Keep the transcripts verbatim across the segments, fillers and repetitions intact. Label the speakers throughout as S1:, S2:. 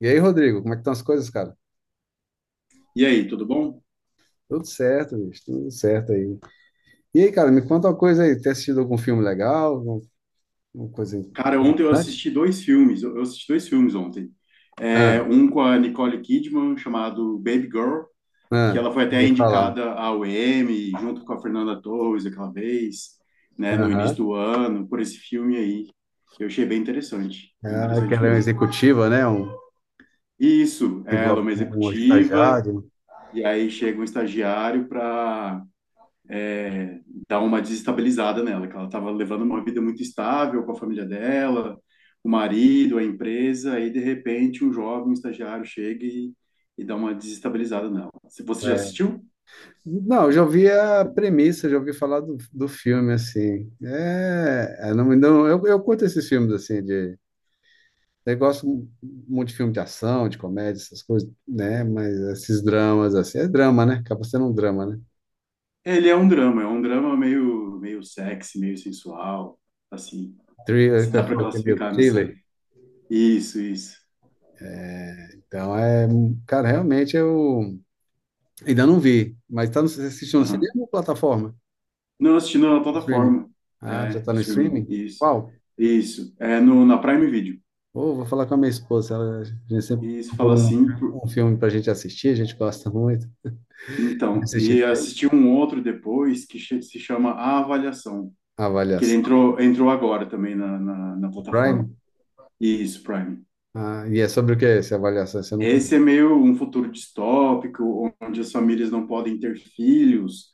S1: E aí, Rodrigo, como é que estão as coisas, cara?
S2: E aí, tudo bom?
S1: Tudo certo, bicho, tudo certo aí. E aí, cara, me conta uma coisa aí. Tem assistido algum filme legal? Alguma alguma coisa
S2: Cara, ontem eu
S1: importante?
S2: assisti dois filmes. Eu eu assisti dois filmes ontem. É,
S1: Ah,
S2: um com a Nicole Kidman, chamado Baby Girl, que
S1: ah,
S2: ela foi até
S1: vou falar.
S2: indicada ao Emmy, junto com a Fernanda Torres aquela vez, né, no início
S1: Aham.
S2: do ano, por esse filme aí. Eu achei bem interessante, bem
S1: Ah, que
S2: interessante
S1: ela é uma
S2: mesmo.
S1: executiva, né? Um,
S2: E isso,
S1: que
S2: ela é
S1: envolve
S2: uma
S1: um
S2: executiva,
S1: estagiário.
S2: e aí chega um estagiário para é, dar uma desestabilizada nela, que ela estava levando uma vida muito estável com a família dela, o marido, a empresa, aí de repente um jovem um estagiário chega e, e dá uma desestabilizada nela. Se você já
S1: É.
S2: assistiu?
S1: Não, eu já ouvi a premissa, já ouvi falar do, do filme, assim. É, é, não, não, eu, eu curto esses filmes, assim. Eu gosto muito de filme de ação, de comédia, essas coisas, né? Mas esses dramas, assim, é drama, né? Acaba sendo um drama, né?
S2: Ele é um drama, é um drama meio meio sexy, meio sensual, assim,
S1: Thriller,
S2: se
S1: que
S2: dá
S1: eu
S2: para
S1: falo que é meio
S2: classificar nessa.
S1: thriller.
S2: Isso, isso.
S1: Então, é, cara, realmente eu ainda não vi, mas tá no, você assistiu no
S2: Aham.
S1: cinema ou plataforma?
S2: Não, assistindo na
S1: Streaming.
S2: plataforma,
S1: Ah, já
S2: é,
S1: tá no
S2: streaming,
S1: streaming?
S2: isso.
S1: Qual?
S2: Isso, é no, na Prime Video.
S1: Ô, vou falar com a minha esposa, ela, a gente sempre
S2: Isso, fala
S1: procura um,
S2: assim.
S1: um filme pra gente assistir, a gente gosta muito de
S2: Então,
S1: assistir
S2: e
S1: filme.
S2: assisti um outro depois que che- se chama A Avaliação, que ele
S1: Avaliação
S2: entrou, entrou agora também na, na, na
S1: do
S2: plataforma.
S1: Prime.
S2: Isso, Prime.
S1: Ah, e é sobre o que é essa avaliação? Você não...
S2: Esse é meio um futuro distópico, onde as famílias não podem ter filhos,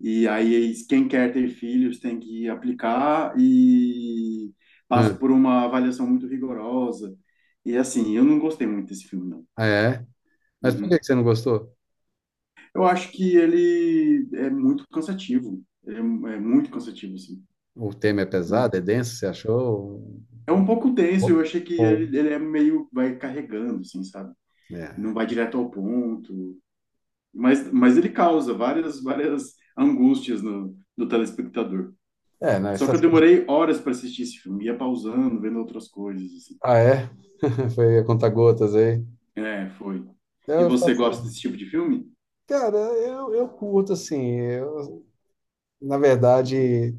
S2: e aí quem quer ter filhos tem que aplicar e passa por uma avaliação muito rigorosa. E assim, eu não gostei muito desse filme, não.
S1: Ah, é? Mas por que que
S2: Uhum.
S1: você não gostou?
S2: Eu acho que ele é muito cansativo. Ele é, é muito cansativo, assim.
S1: O tema é pesado, é denso, você achou?
S2: É um pouco denso,
S1: Ou,
S2: eu achei que
S1: ou-
S2: ele, ele é meio, vai carregando, assim, sabe? Não
S1: É.
S2: vai direto ao ponto, mas, mas ele causa várias, várias angústias no, no telespectador.
S1: É, não,
S2: Só que eu
S1: essas...
S2: demorei horas para assistir esse filme, ia pausando, vendo outras coisas, assim.
S1: Ah, é? Foi a conta-gotas aí.
S2: É, foi. E
S1: Eu
S2: você
S1: faço...
S2: gosta desse tipo de filme?
S1: Cara, eu, eu curto, assim, eu, na verdade,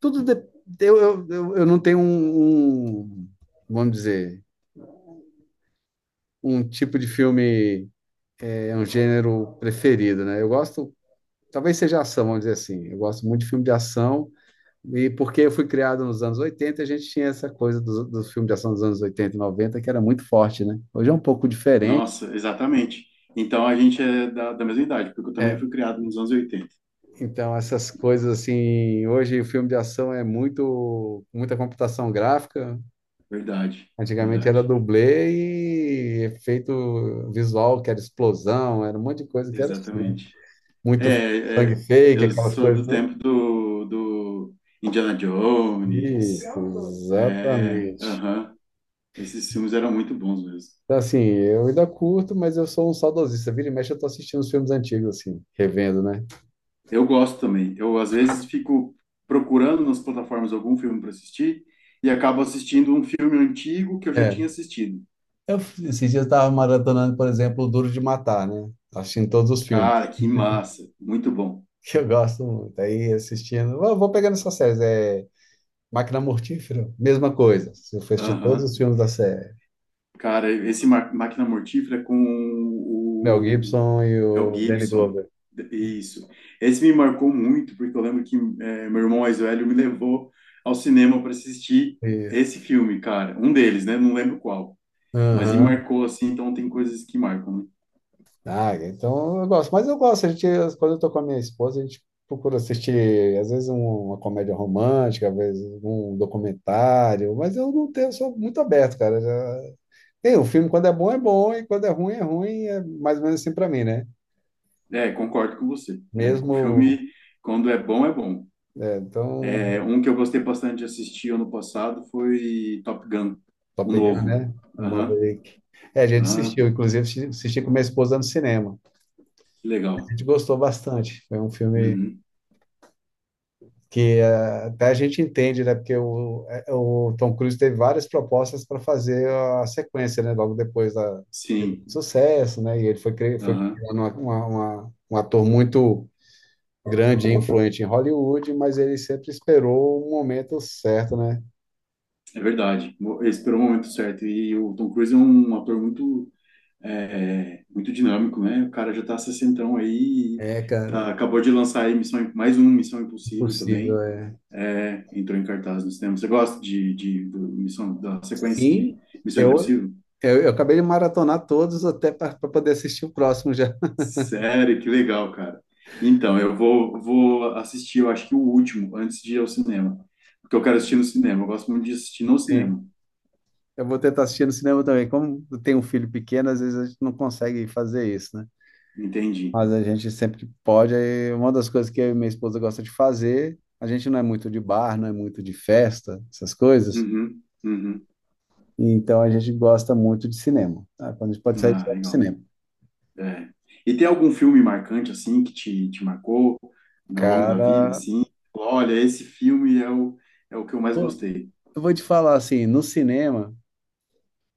S1: tudo de- eu, eu, eu eu não tenho um, um, vamos dizer, um tipo de filme, é um gênero preferido, né? Eu gosto, talvez seja ação, vamos dizer assim, eu gosto muito de filme de ação. E porque eu fui criado nos anos oitenta, a gente tinha essa coisa dos, dos filmes de ação dos anos oitenta, e noventa, que era muito forte, né? Hoje é um pouco diferente.
S2: Nossa, exatamente. Então a gente é da, da mesma idade, porque eu também
S1: É,
S2: fui criado nos anos oitenta.
S1: então, essas coisas assim, hoje o filme de ação é muito, muita computação gráfica.
S2: Verdade,
S1: Antigamente era
S2: verdade.
S1: dublê e efeito visual, que era explosão, era um monte de coisa que era assim, né?
S2: Exatamente.
S1: Muito
S2: É,
S1: sangue
S2: é,
S1: fake,
S2: eu
S1: aquelas
S2: sou
S1: coisas
S2: do
S1: todas.
S2: tempo do, do Indiana Jones.
S1: Isso,
S2: É,
S1: exatamente.
S2: aham. Esses filmes eram muito bons mesmo.
S1: Então, assim, eu ainda curto, mas eu sou um saudosista. Vira e mexe, eu tô assistindo os filmes antigos, assim, revendo, né?
S2: Eu gosto também. Eu, às vezes, fico procurando nas plataformas algum filme para assistir e acabo assistindo um filme antigo que eu já tinha
S1: É.
S2: assistido.
S1: Eu, esses dias eu tava maratonando, por exemplo, o Duro de Matar, né? Assistindo todos os
S2: Cara,
S1: filmes,
S2: que massa. Muito bom.
S1: que eu gosto muito. Aí assistindo. Eu vou pegando essas séries. É Máquina Mortífera, mesma coisa. Se Eu fui assistir todos
S2: Aham.
S1: os filmes da série.
S2: Cara, esse Ma- Máquina Mortífera com
S1: Mel
S2: o
S1: Gibson e
S2: Mel
S1: o Danny
S2: Gibson,
S1: Glover.
S2: isso. Esse me marcou muito, porque eu lembro que é, meu irmão mais velho me levou ao cinema para assistir
S1: Isso.
S2: esse filme, cara. Um deles, né? Não lembro qual. Mas me
S1: Aham.
S2: marcou assim, então tem coisas que marcam,
S1: Ah, então eu gosto. Mas eu gosto. A gente, quando eu tô com a minha esposa, a gente procura assistir, às vezes, um- uma comédia romântica, às vezes, um documentário. Mas eu não tenho, eu sou muito aberto, cara. Já... Tem, o filme, quando é bom, é bom, e quando é ruim, é ruim. É mais ou menos assim pra mim, né?
S2: né? É, concordo com você. É, o
S1: Mesmo.
S2: filme, quando é bom, é bom.
S1: É, então,
S2: É, um que eu gostei bastante de assistir ano passado foi Top Gun,
S1: só
S2: o
S1: pegando,
S2: novo.
S1: né? Uma
S2: Aham,
S1: vez. É, a gente
S2: aham,
S1: assistiu, inclusive, assisti assisti com minha esposa no cinema.
S2: que
S1: A
S2: legal.
S1: gente gostou bastante. Foi um filme
S2: Uhum,
S1: que, eh, até a gente entende, né? Porque o, eh, o Tom Cruise teve várias propostas para fazer a sequência, né? Logo depois da
S2: sim,
S1: do sucesso, né? E ele foi cri- foi
S2: aham.
S1: criando uma, uma, uma- um ator muito grande e influente em Hollywood, mas ele sempre esperou o momento certo, né?
S2: É verdade. Mo- Esperou o momento certo. E o Tom Cruise é um ator muito, é, muito dinâmico, né? O cara já tá sessentão aí,
S1: É, cara,
S2: tá, acabou de lançar aí Missão, mais um Missão Impossível
S1: impossível,
S2: também.
S1: é.
S2: É, entrou em cartaz no cinema. Você gosta de, de, do Missão, da sequência de
S1: Sim,
S2: Missão
S1: eu,
S2: Impossível?
S1: eu, eu acabei de maratonar todos até para poder assistir o próximo já.
S2: Sério, que legal, cara. Então, eu vou, vou assistir, eu acho que o último, antes de ir ao cinema. Porque eu quero assistir no cinema. Eu gosto muito de assistir no
S1: Sim.
S2: cinema.
S1: Eu vou tentar assistir no cinema também. Como eu tenho um filho pequeno, às vezes a gente não consegue fazer isso, né?
S2: Entendi.
S1: Mas a gente sempre que pode, aí uma das coisas que eu e minha esposa gosta de fazer, a gente não é muito de bar, não é muito de festa, essas coisas,
S2: Uhum, uhum.
S1: então a gente gosta muito de cinema, tá? Quando a gente pode sair, a gente
S2: Ah,
S1: vai pro
S2: legal.
S1: cinema.
S2: É. E tem algum filme marcante, assim, que te, te marcou ao longo da vida,
S1: Cara,
S2: assim? Olha, esse filme é o, é o que eu mais
S1: pô,
S2: gostei.
S1: eu vou te falar assim, no cinema,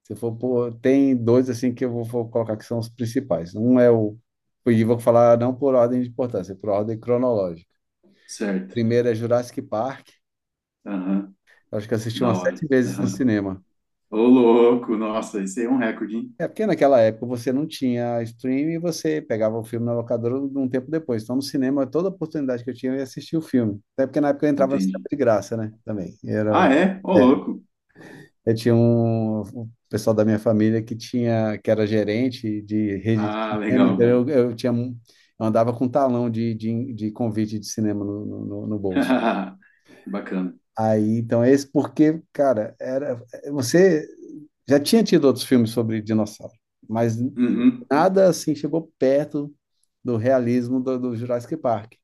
S1: se for, pô, tem dois assim que eu vou, vou, colocar que são os principais. Um é o, e vou falar não por ordem de importância, é por ordem cronológica.
S2: Certo.
S1: Primeiro é Jurassic Park,
S2: Aham.
S1: acho que eu assisti
S2: Da
S1: umas sete
S2: hora.
S1: vezes no
S2: Aham.
S1: cinema.
S2: Ô, louco. Nossa, esse aí é um recorde, hein?
S1: É porque naquela época você não tinha streaming e você pegava o filme na locadora um tempo depois. Então, no cinema, toda oportunidade que eu tinha, eu ia assistir o filme. Até porque na época eu entrava no cinema
S2: Entendi.
S1: de graça, né? Também. Era,
S2: Ah, é? Ô,
S1: é,
S2: louco.
S1: eu tinha um, um pessoal da minha família que tinha, que era gerente de rede de
S2: Ah,
S1: cinema, então
S2: legal.
S1: eu, eu tinha, um- eu andava com um talão de, de, de convite de cinema no, no, no no bolso.
S2: Bacana.
S1: Aí, então, é esse porque, cara, era, você já tinha tido outros filmes sobre dinossauro, mas
S2: Uhum.
S1: nada assim chegou perto do realismo do, do Jurassic Park.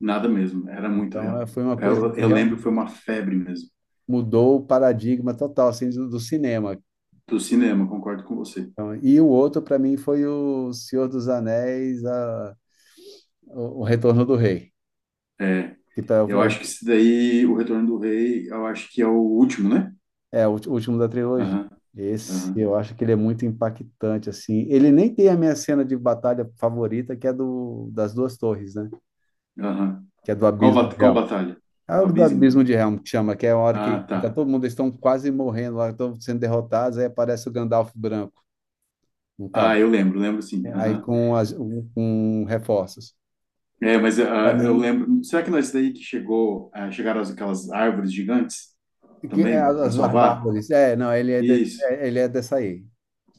S2: Nada mesmo. Era muito
S1: Então, eh,
S2: real.
S1: foi uma coisa
S2: Eu,
S1: que
S2: eu lembro que foi
S1: realmente
S2: uma febre mesmo.
S1: mudou o paradigma total assim do, do cinema.
S2: Do cinema, concordo com você.
S1: Então, e o outro para mim foi o Senhor dos Anéis, a- o, o Retorno do Rei,
S2: É.
S1: que tá,
S2: Eu acho que esse daí, O Retorno do Rei, eu acho que é o último, né?
S1: é, o ulti- último da trilogia.
S2: Aham,
S1: Esse,
S2: aham,
S1: eu acho que ele é muito impactante, assim. Ele nem tem a minha cena de batalha favorita, que é do, das duas torres, né?
S2: aham.
S1: Que é do
S2: Qual,
S1: Abismo
S2: bat-
S1: de
S2: qual
S1: Helm.
S2: batalha?
S1: É o
S2: Do
S1: do
S2: abismo?
S1: Abismo de Helm que chama, que é a hora que
S2: Ah,
S1: tá
S2: tá.
S1: todo mundo, eles estão quase morrendo lá, estão sendo derrotados, aí aparece o Gandalf branco, um cavalo,
S2: Ah, eu lembro, lembro sim.
S1: aí
S2: Aham.
S1: com, as, um, com reforços.
S2: É, mas
S1: Para
S2: ah, eu
S1: mim,
S2: lembro. Será que não é isso daí que chegou, ah, chegaram as- aquelas árvores gigantes
S1: que é
S2: também
S1: as,
S2: para
S1: as
S2: salvar?
S1: barbáries. É, não, ele é, de-
S2: Isso.
S1: é, ele é dessa aí.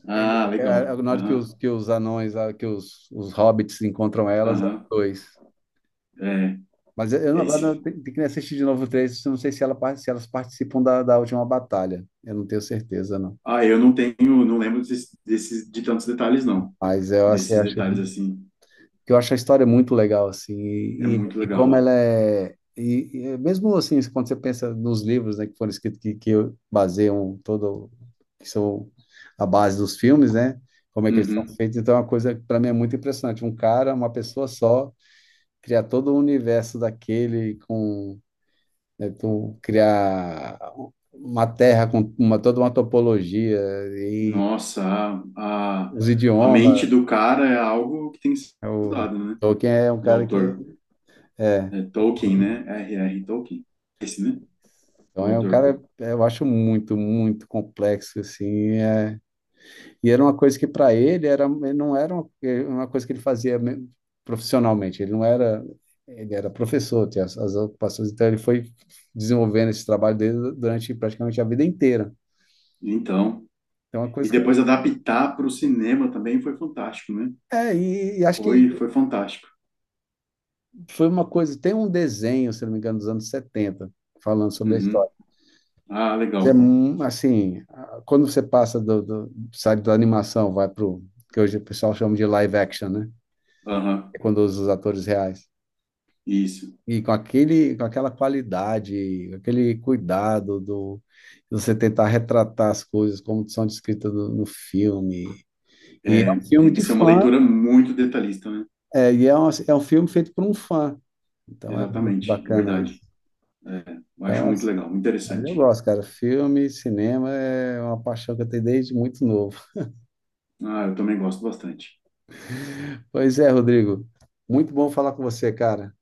S2: Ah,
S1: É,
S2: legal.
S1: é, na hora que
S2: Aham,
S1: os, que os anões, ah, que os, os hobbits encontram elas, é
S2: aham.
S1: dois.
S2: É,
S1: Mas eu eu não-
S2: é
S1: agora
S2: esse.
S1: tem tem que assistir de novo o três, eu não sei se, ela, par- se elas participam da, da última batalha. Eu não tenho certeza, não.
S2: Ah, eu não tenho, não lembro desses, desses, de tantos detalhes, não.
S1: Mas eu assim,
S2: Desses
S1: acho
S2: detalhes assim.
S1: que eu acho a história muito legal, assim,
S2: É
S1: e, e-
S2: muito
S1: e como
S2: legal.
S1: ela é. E, e é mesmo assim, quando você pensa nos livros, né, que foram escritos que, que baseiam todo, que são a base dos filmes, né? Como é que eles são
S2: Uhum.
S1: feitos, então é uma coisa que para mim é muito impressionante. Um cara, uma pessoa só, criar todo o universo daquele com, né? Tu criar uma terra com uma, toda uma topologia e
S2: Nossa, a, a,
S1: os
S2: a
S1: idiomas.
S2: mente do cara é algo que tem que ser
S1: É. O
S2: estudado, né?
S1: Tolkien é um
S2: Do
S1: cara que
S2: autor,
S1: é,
S2: né? Tolkien, né? R R. Tolkien, esse, né?
S1: então
S2: O
S1: é um
S2: autor.
S1: cara eu acho muito, muito complexo assim. É. E era uma coisa que para ele era, ele não era uma, uma coisa que ele fazia me- profissionalmente. Ele não era, ele era professor, tinha as, as ocupações, então ele foi desenvolvendo esse trabalho dele durante praticamente a vida inteira.
S2: Então,
S1: Então, é uma
S2: e
S1: coisa que.
S2: depois adaptar para o cinema também foi fantástico, né?
S1: É, e, e acho que
S2: Foi, foi fantástico.
S1: foi uma coisa, tem um desenho, se não me engano, dos anos setenta falando sobre a
S2: Uhum.
S1: história.
S2: Ah,
S1: Isso. É,
S2: legal.
S1: mu- assim, a- quando você passa do, do, sai da animação, vai pro que hoje o pessoal chama de live action, né?
S2: Aham,
S1: É quando usa os atores reais.
S2: isso.
S1: E com aquele, com aquela qualidade, aquele cuidado do de você tentar retratar as coisas como são descritas no, no filme. E é
S2: É,
S1: um filme
S2: tem
S1: de
S2: que ser uma
S1: fã,
S2: leitura muito detalhista, né?
S1: é, e é um, é um, filme feito por um fã. Então é muito
S2: Exatamente, é
S1: bacana.
S2: verdade. É, eu acho
S1: Então,
S2: muito
S1: assim,
S2: legal, muito
S1: mas eu
S2: interessante.
S1: gosto, cara. Filme, cinema é uma paixão que eu tenho desde muito novo.
S2: Ah, eu também gosto bastante.
S1: Pois é, Rodrigo. Muito bom falar com você, cara.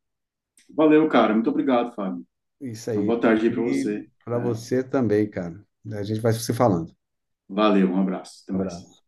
S2: Valeu, cara. Muito obrigado, Fábio.
S1: Isso
S2: Uma
S1: aí.
S2: boa tarde aí para
S1: E
S2: você.
S1: para
S2: É,
S1: você também, cara. A gente vai se falando.
S2: valeu, um abraço. Até mais.
S1: Abraço.